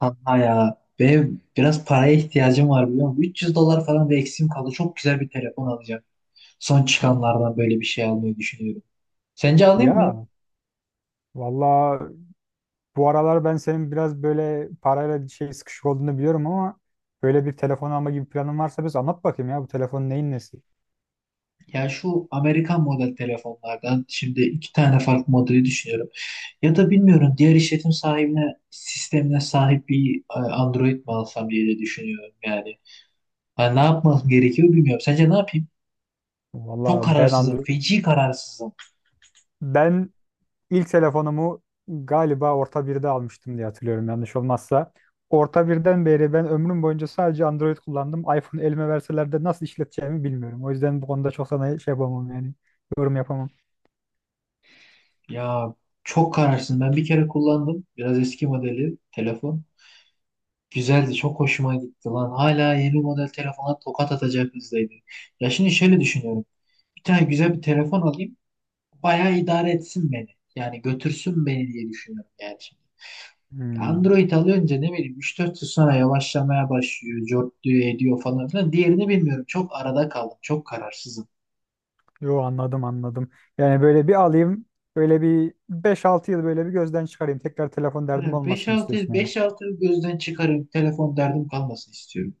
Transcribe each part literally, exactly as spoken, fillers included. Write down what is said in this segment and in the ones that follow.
Kanka ya benim biraz paraya ihtiyacım var biliyor musun? üç yüz dolar falan bir eksiğim kaldı. Çok güzel bir telefon alacağım. Son çıkanlardan böyle bir şey almayı düşünüyorum. Sence alayım mı? Ya valla bu aralar ben senin biraz böyle parayla şey sıkışık olduğunu biliyorum ama böyle bir telefon alma gibi planın varsa biz anlat bakayım ya bu telefonun neyin nesi? Ya şu Amerikan model telefonlardan şimdi iki tane farklı modeli düşünüyorum. Ya da bilmiyorum diğer işletim sahibine sistemine sahip bir e, Android mi alsam diye de düşünüyorum yani. Ha, ne yapmam gerekiyor bilmiyorum. Sence ne yapayım? Valla Çok ben kararsızım. Android Feci kararsızım. ben ilk telefonumu galiba orta birde almıştım diye hatırlıyorum yanlış olmazsa. Orta birden beri ben ömrüm boyunca sadece Android kullandım. iPhone elime verseler de nasıl işleteceğimi bilmiyorum. O yüzden bu konuda çok sana şey yapamam yani. Yorum yapamam. Ya çok kararsızım. Ben bir kere kullandım. Biraz eski modeli telefon. Güzeldi, çok hoşuma gitti lan. Hala yeni model telefona tokat atacak hızdaydı. Ya şimdi şöyle düşünüyorum. Bir tane güzel bir telefon alayım, bayağı idare etsin beni. Yani götürsün beni diye düşünüyorum yani şimdi. Hmm. Android alınca ne bileyim üç dört yıl sonra yavaşlamaya başlıyor, cortluyor, ediyor falan filan. Diğerini bilmiyorum. Çok arada kaldım, çok kararsızım. Yo, anladım anladım. Yani böyle bir alayım, böyle bir beş altı yıl böyle bir gözden çıkarayım. Tekrar telefon derdim Hani beş olmasın altı yıl, istiyorsun yani. beş altı yıl gözden çıkarayım, telefon derdim kalmasın istiyorum.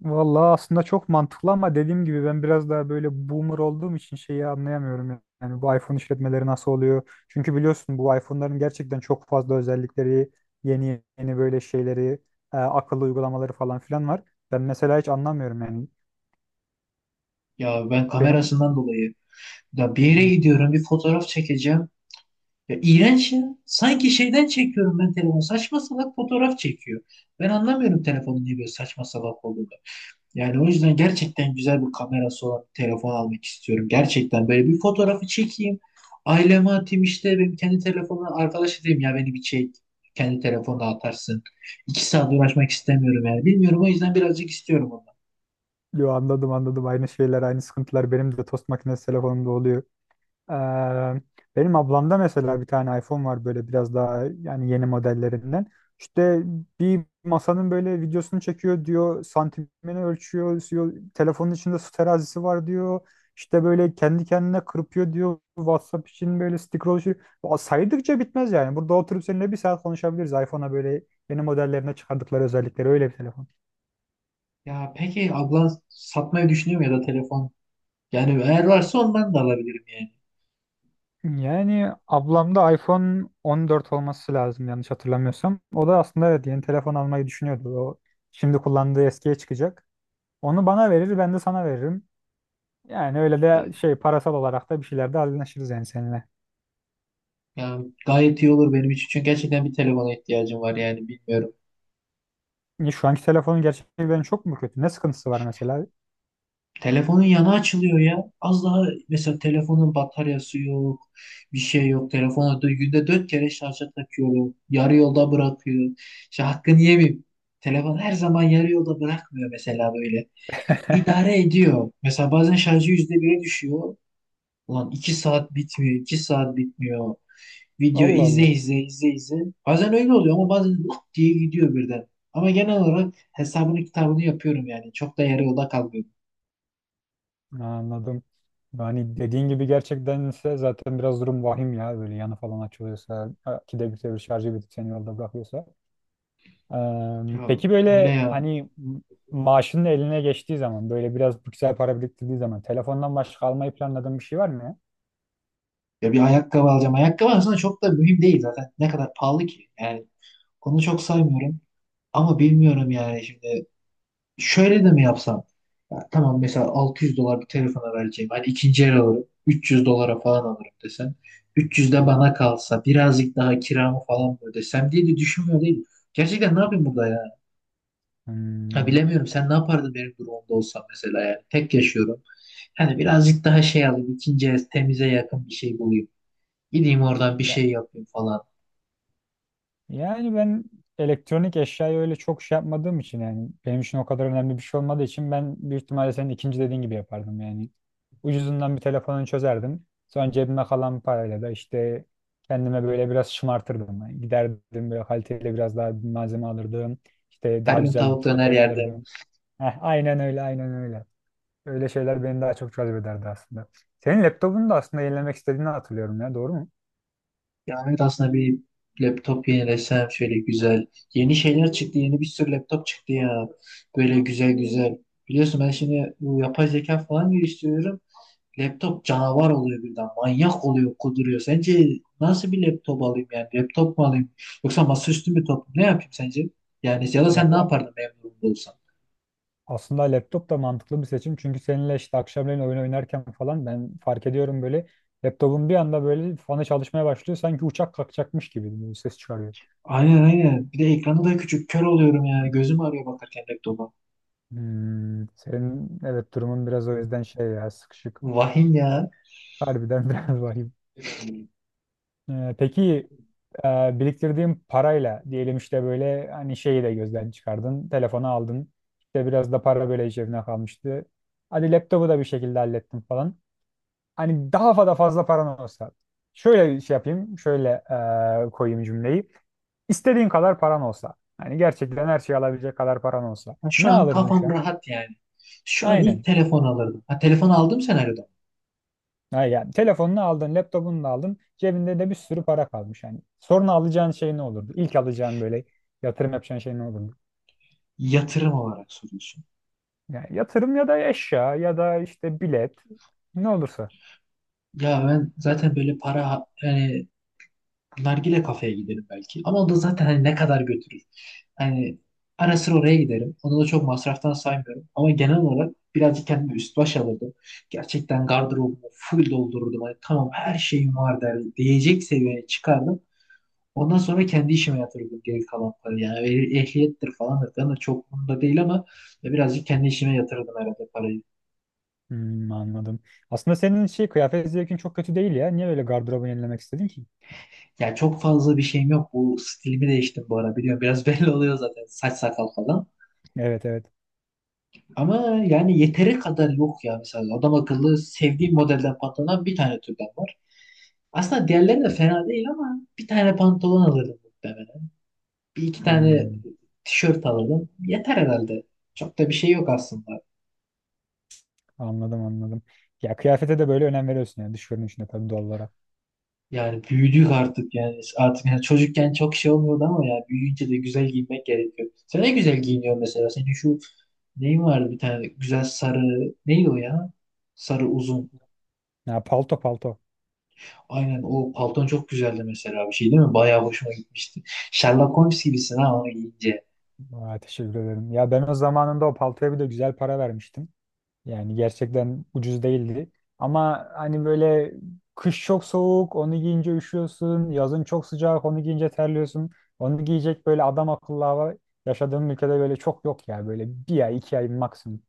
Vallahi aslında çok mantıklı ama dediğim gibi ben biraz daha böyle boomer olduğum için şeyi anlayamıyorum. Yani bu iPhone işletmeleri nasıl oluyor? Çünkü biliyorsun bu iPhone'ların gerçekten çok fazla özellikleri, yeni yeni böyle şeyleri, e, akıllı uygulamaları falan filan var. Ben mesela hiç anlamıyorum yani. Ya ben Benim kamerasından dolayı ya bir yere Hı, gidiyorum, bir fotoğraf çekeceğim. Ya iğrenç ya. Sanki şeyden çekiyorum ben telefonu. Saçma salak fotoğraf çekiyor. Ben anlamıyorum telefonun niye böyle saçma salak olduğunu. Yani o yüzden gerçekten güzel bir kamerası olan bir telefon almak istiyorum. Gerçekten böyle bir fotoğrafı çekeyim. Aileme atayım işte benim kendi telefonuma arkadaş diyeyim ya beni bir çek. Kendi telefonuna atarsın. İki saat uğraşmak istemiyorum yani. Bilmiyorum o yüzden birazcık istiyorum ondan. yo, anladım anladım aynı şeyler, aynı sıkıntılar benim de tost makinesi telefonumda oluyor. Eee, Benim ablamda mesela bir tane iPhone var böyle biraz daha yani yeni modellerinden. İşte bir masanın böyle videosunu çekiyor diyor, santimini ölçüyor diyor, telefonun içinde su terazisi var diyor. İşte böyle kendi kendine kırpıyor diyor. WhatsApp için böyle scroll şey- ya saydıkça bitmez yani. Burada oturup seninle bir saat konuşabiliriz. iPhone'a böyle yeni modellerine çıkardıkları özellikleri öyle bir telefon. Ya peki ablan satmayı düşünüyor mu ya da telefon? Yani eğer varsa ondan da alabilirim yani. Yani ablamda iPhone on dört olması lazım yanlış hatırlamıyorsam. O da aslında evet yeni telefon almayı düşünüyordu. O şimdi kullandığı eskiye çıkacak. Onu bana verir ben de sana veririm. Yani öyle Ya, de şey parasal olarak da bir şeylerde anlaşırız yani seninle. ya gayet iyi olur benim için. Çünkü gerçekten bir telefona ihtiyacım var yani bilmiyorum. Niye? Şu anki telefonun gerçekten çok mu kötü? Ne sıkıntısı var mesela? Telefonun yanı açılıyor ya. Az daha mesela telefonun bataryası yok. Bir şey yok. Telefonu da günde dört kere şarja takıyorum. Yarı yolda bırakıyor. İşte hakkını yemeyeyim. Telefon her zaman yarı yolda bırakmıyor mesela böyle. İdare ediyor. Mesela bazen şarjı yüzde bire düşüyor. Ulan iki saat bitmiyor, iki saat bitmiyor. Video Allah izle Allah. izle izle izle. Bazen öyle oluyor ama bazen lap diye gidiyor birden. Ama genel olarak hesabını kitabını yapıyorum yani. Çok da yarı yolda kalmıyorum. Anladım. Yani dediğin gibi gerçekten ise zaten biraz durum vahim ya. Böyle yanı falan açılıyorsa, ki de bir şarjı bitip seni yolda bırakıyorsa. Ee, Ya peki öyle böyle ya. hani maaşının eline geçtiği zaman, böyle biraz güzel para biriktirdiği zaman telefondan başka almayı planladığın bir şey var mı ya? Ya bir ayakkabı alacağım. Ayakkabı aslında çok da mühim değil zaten. Ne kadar pahalı ki. Yani onu çok saymıyorum. Ama bilmiyorum yani şimdi. Şöyle de mi yapsam? Ya tamam mesela altı yüz dolar bir telefona vereceğim. Hani ikinci el alırım. üç yüz dolara falan alırım desen. üç yüz de bana kalsa birazcık daha kiramı falan mı ödesem diye de düşünmüyor değil. Gerçekten ne yapayım burada ya? Ha, Hmm. bilemiyorum sen ne yapardın benim durumumda olsan mesela yani. Tek yaşıyorum. Hani birazcık daha şey alayım. İkinci el temize yakın bir şey bulayım. Gideyim oradan bir şey yapayım falan. Yani ben elektronik eşyayı öyle çok şey yapmadığım için, yani benim için o kadar önemli bir şey olmadığı için, ben büyük ihtimalle senin ikinci dediğin gibi yapardım yani. Ucuzundan bir telefonunu çözerdim. Sonra cebime kalan parayla da işte kendime böyle biraz şımartırdım. Yani giderdim böyle kaliteli biraz daha bir malzeme alırdım. İşte Her daha gün güzel bir tavuk döner protein yerde. alırdım. Heh, aynen öyle aynen öyle. Öyle şeyler beni daha çok cezbederdi aslında. Senin laptopunu da aslında yenilemek istediğini hatırlıyorum ya, doğru mu? Ya evet aslında bir laptop yenilesem şöyle güzel. Yeni şeyler çıktı. Yeni bir sürü laptop çıktı ya. Böyle güzel güzel. Biliyorsun ben şimdi bu yapay zeka falan geliştiriyorum. Laptop canavar oluyor birden. Manyak oluyor, kuduruyor. Sence nasıl bir laptop alayım yani? Laptop mu alayım? Yoksa masaüstü mü top? Ne yapayım sence? Yani ya da sen ne Vallahi. yapardın memnun durumda olsan? Aslında laptop da mantıklı bir seçim. Çünkü seninle işte akşamleyin oyun oynarken falan ben fark ediyorum, böyle laptopun bir anda böyle fanı çalışmaya başlıyor. Sanki uçak kalkacakmış gibi bir ses çıkarıyor. Aynen aynen. Bir de ekranı da küçük. Kör oluyorum yani. Gözüm ağrıyor bakarken laptopa. Hmm, senin evet durumun biraz o yüzden şey ya, sıkışık. Vahim ya. Harbiden biraz vahim. Ee, peki, e, biriktirdiğin parayla diyelim işte böyle hani şeyi de gözden çıkardın. Telefonu aldın. İşte biraz da para böyle cebine kalmıştı. Hadi laptopu da bir şekilde hallettin falan. Hani daha fazla fazla paran olsa. Şöyle şey yapayım, şöyle e, koyayım cümleyi. İstediğin kadar paran olsa. Hani gerçekten her şeyi alabilecek kadar paran olsa. Ha, şu Ne an alırdın şu kafam an? rahat yani. Şu an ilk Aynen. telefon alırdım. Ha, telefon aldığım senaryoda. Mı? Ha, yani telefonunu aldın, laptopunu da aldın. Cebinde de bir sürü para kalmış. Yani sonra alacağın şey ne olurdu? İlk alacağın böyle yatırım yapacağın şey ne olurdu? Yatırım olarak soruyorsun. Yani yatırım ya da eşya ya da işte bilet, ne olursa. Ya ben zaten böyle para yani nargile kafeye giderim belki. Ama o da zaten hani ne kadar götürür. Hani ara sıra oraya giderim. Onu da çok masraftan saymıyorum. Ama genel olarak birazcık kendime üst baş alırdım. Gerçekten gardırobumu full doldururdum. Hani tamam her şeyim var derdim. Diyecek seviyeye çıkardım. Ondan sonra kendi işime yatırdım geri kalan parayı. Yani eh- ehliyettir falandır falan da çok bunda değil ama ya birazcık kendi işime yatırdım herhalde parayı. Hmm, anladım. Aslında senin şey kıyafet zevkin çok kötü değil ya. Niye böyle gardırobunu yenilemek istedin ki? Ya çok fazla bir şeyim yok. Bu stilimi değiştim bu ara biliyorum. Biraz belli oluyor zaten saç sakal falan. Evet, evet. Ama yani yeteri kadar yok ya mesela. Adam akıllı sevdiğim modelden pantolon bir tane türden var. Aslında diğerleri de fena değil ama bir tane pantolon alırdım muhtemelen. Bir iki tane Hmm, tişört alırdım. Yeter herhalde. Çok da bir şey yok aslında. anladım anladım. Ya kıyafete de böyle önem veriyorsun yani, dış görünüşüne tabii, doğal olarak. Yani büyüdük artık yani. Artık yani çocukken çok şey olmuyordu ama ya büyüyünce de güzel giyinmek gerekiyor. Sen ne güzel giyiniyorsun mesela. Senin şu neyin vardı bir tane güzel sarı neydi o ya? Sarı uzun. Ya, palto, palto. Aynen o palton çok güzeldi mesela bir şey değil mi? Bayağı hoşuma gitmişti. Sherlock Holmes gibisin ha onu giyince. Aa, teşekkür ederim. Ya ben o zamanında o paltoya bir de güzel para vermiştim. Yani gerçekten ucuz değildi. Ama hani böyle kış çok soğuk, onu giyince üşüyorsun. Yazın çok sıcak, onu giyince terliyorsun. Onu giyecek böyle adam akıllı hava yaşadığım ülkede böyle çok yok ya. Böyle bir ay, iki ay maksimum.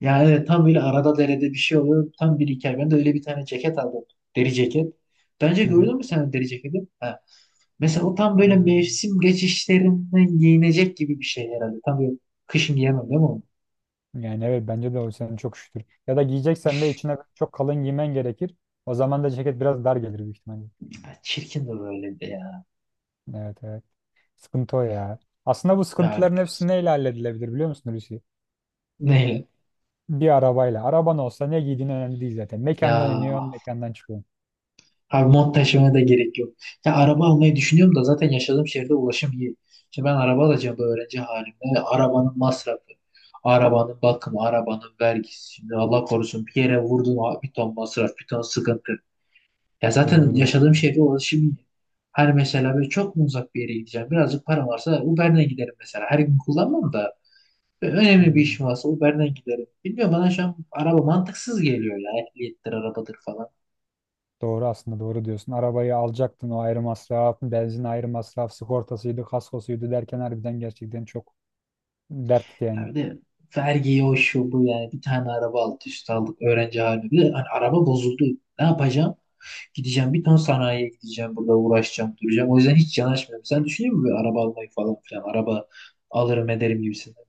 Yani evet, tam böyle arada derede bir şey oluyor. Tam bir hikaye. Ben de öyle bir tane ceket aldım. Deri ceket. Bence Hı gördün mü sen o deri ceketi? Ha. Mesela o tam böyle hı. mevsim geçişlerinden giyinecek gibi bir şey herhalde. Tam böyle kışın giyemem değil mi onu? Yani evet, bence de o senin çok şükür. Ya da giyeceksen de içine çok kalın giymen gerekir. O zaman da ceket biraz dar gelir büyük ihtimalle. Ya çirkin de böyle de ya. Evet, evet. Sıkıntı o ya. Aslında bu Ya sıkıntıların hepsi biraz. neyle halledilebilir biliyor musun Hulusi? Neyle? Bir arabayla. Araban olsa ne giydiğin önemli değil zaten. Mekandan Ya iniyorsun, mekandan çıkıyorsun. abi mont taşımaya da gerek yok. Ya araba almayı düşünüyorum da zaten yaşadığım şehirde ulaşım iyi. Şimdi ben araba alacağım bu öğrenci halimde. Arabanın masrafı. Arabanın bakımı, arabanın vergisi. Şimdi Allah korusun bir yere vurdun abi bir ton masraf, bir ton sıkıntı. Ya zaten Doğru, doğru. yaşadığım şehre ulaşım iyi. Hani mesela böyle çok mu uzak bir yere gideceğim? Birazcık param varsa Uber'den giderim mesela. Her gün kullanmam da böyle önemli bir Hmm. işim varsa Uber'den giderim. Bilmiyorum bana şu an araba mantıksız geliyor ya. Ehliyettir, arabadır falan. Doğru, aslında doğru diyorsun. Arabayı alacaktın o ayrı masraf, benzin ayrı masraf, sigortasıydı, kaskosuydu derken harbiden gerçekten çok dert Ya yani. bir de vergiyi o şu bu yani. Bir tane araba alt üst aldık öğrenci halinde. Bir de hani araba bozuldu. Ne yapacağım? Gideceğim bir ton sanayiye gideceğim. Burada uğraşacağım, duracağım. O yüzden hiç yanaşmıyorum. Sen düşünüyor musun böyle araba almayı falan filan? Araba alırım ederim gibisinden.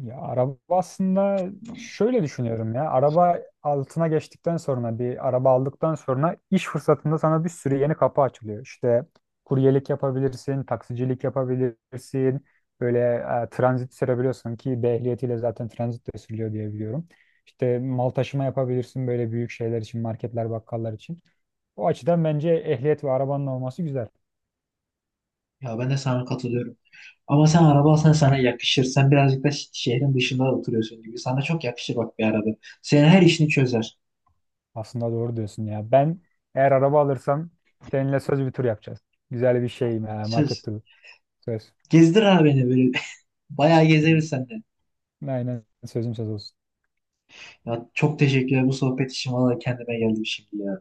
Ya araba aslında şöyle düşünüyorum ya. Araba altına geçtikten sonra, bir araba aldıktan sonra iş fırsatında sana bir sürü yeni kapı açılıyor. İşte kuryelik yapabilirsin, taksicilik yapabilirsin. Böyle e, transit sürebiliyorsun, ki B ehliyetiyle zaten transit de sürülüyor diye biliyorum. İşte mal taşıma yapabilirsin böyle büyük şeyler için, marketler, bakkallar için. O açıdan bence ehliyet ve arabanın olması güzel. Ya ben de sana katılıyorum. Ama sen araba alsan sana yakışır. Sen birazcık da ş- şehrin dışında oturuyorsun gibi. Sana çok yakışır bak bir araba. Senin her işini çözer. Aslında doğru diyorsun ya. Ben eğer araba alırsam seninle söz bir tur yapacağız. Güzel bir şey, e, market Söz. turu. Söz. Gezdir abi beni böyle. Bayağı Hı. gezeriz seninle. Aynen, sözüm söz olsun. Ya çok teşekkürler bu sohbet için. Vallahi kendime geldim şimdi ya.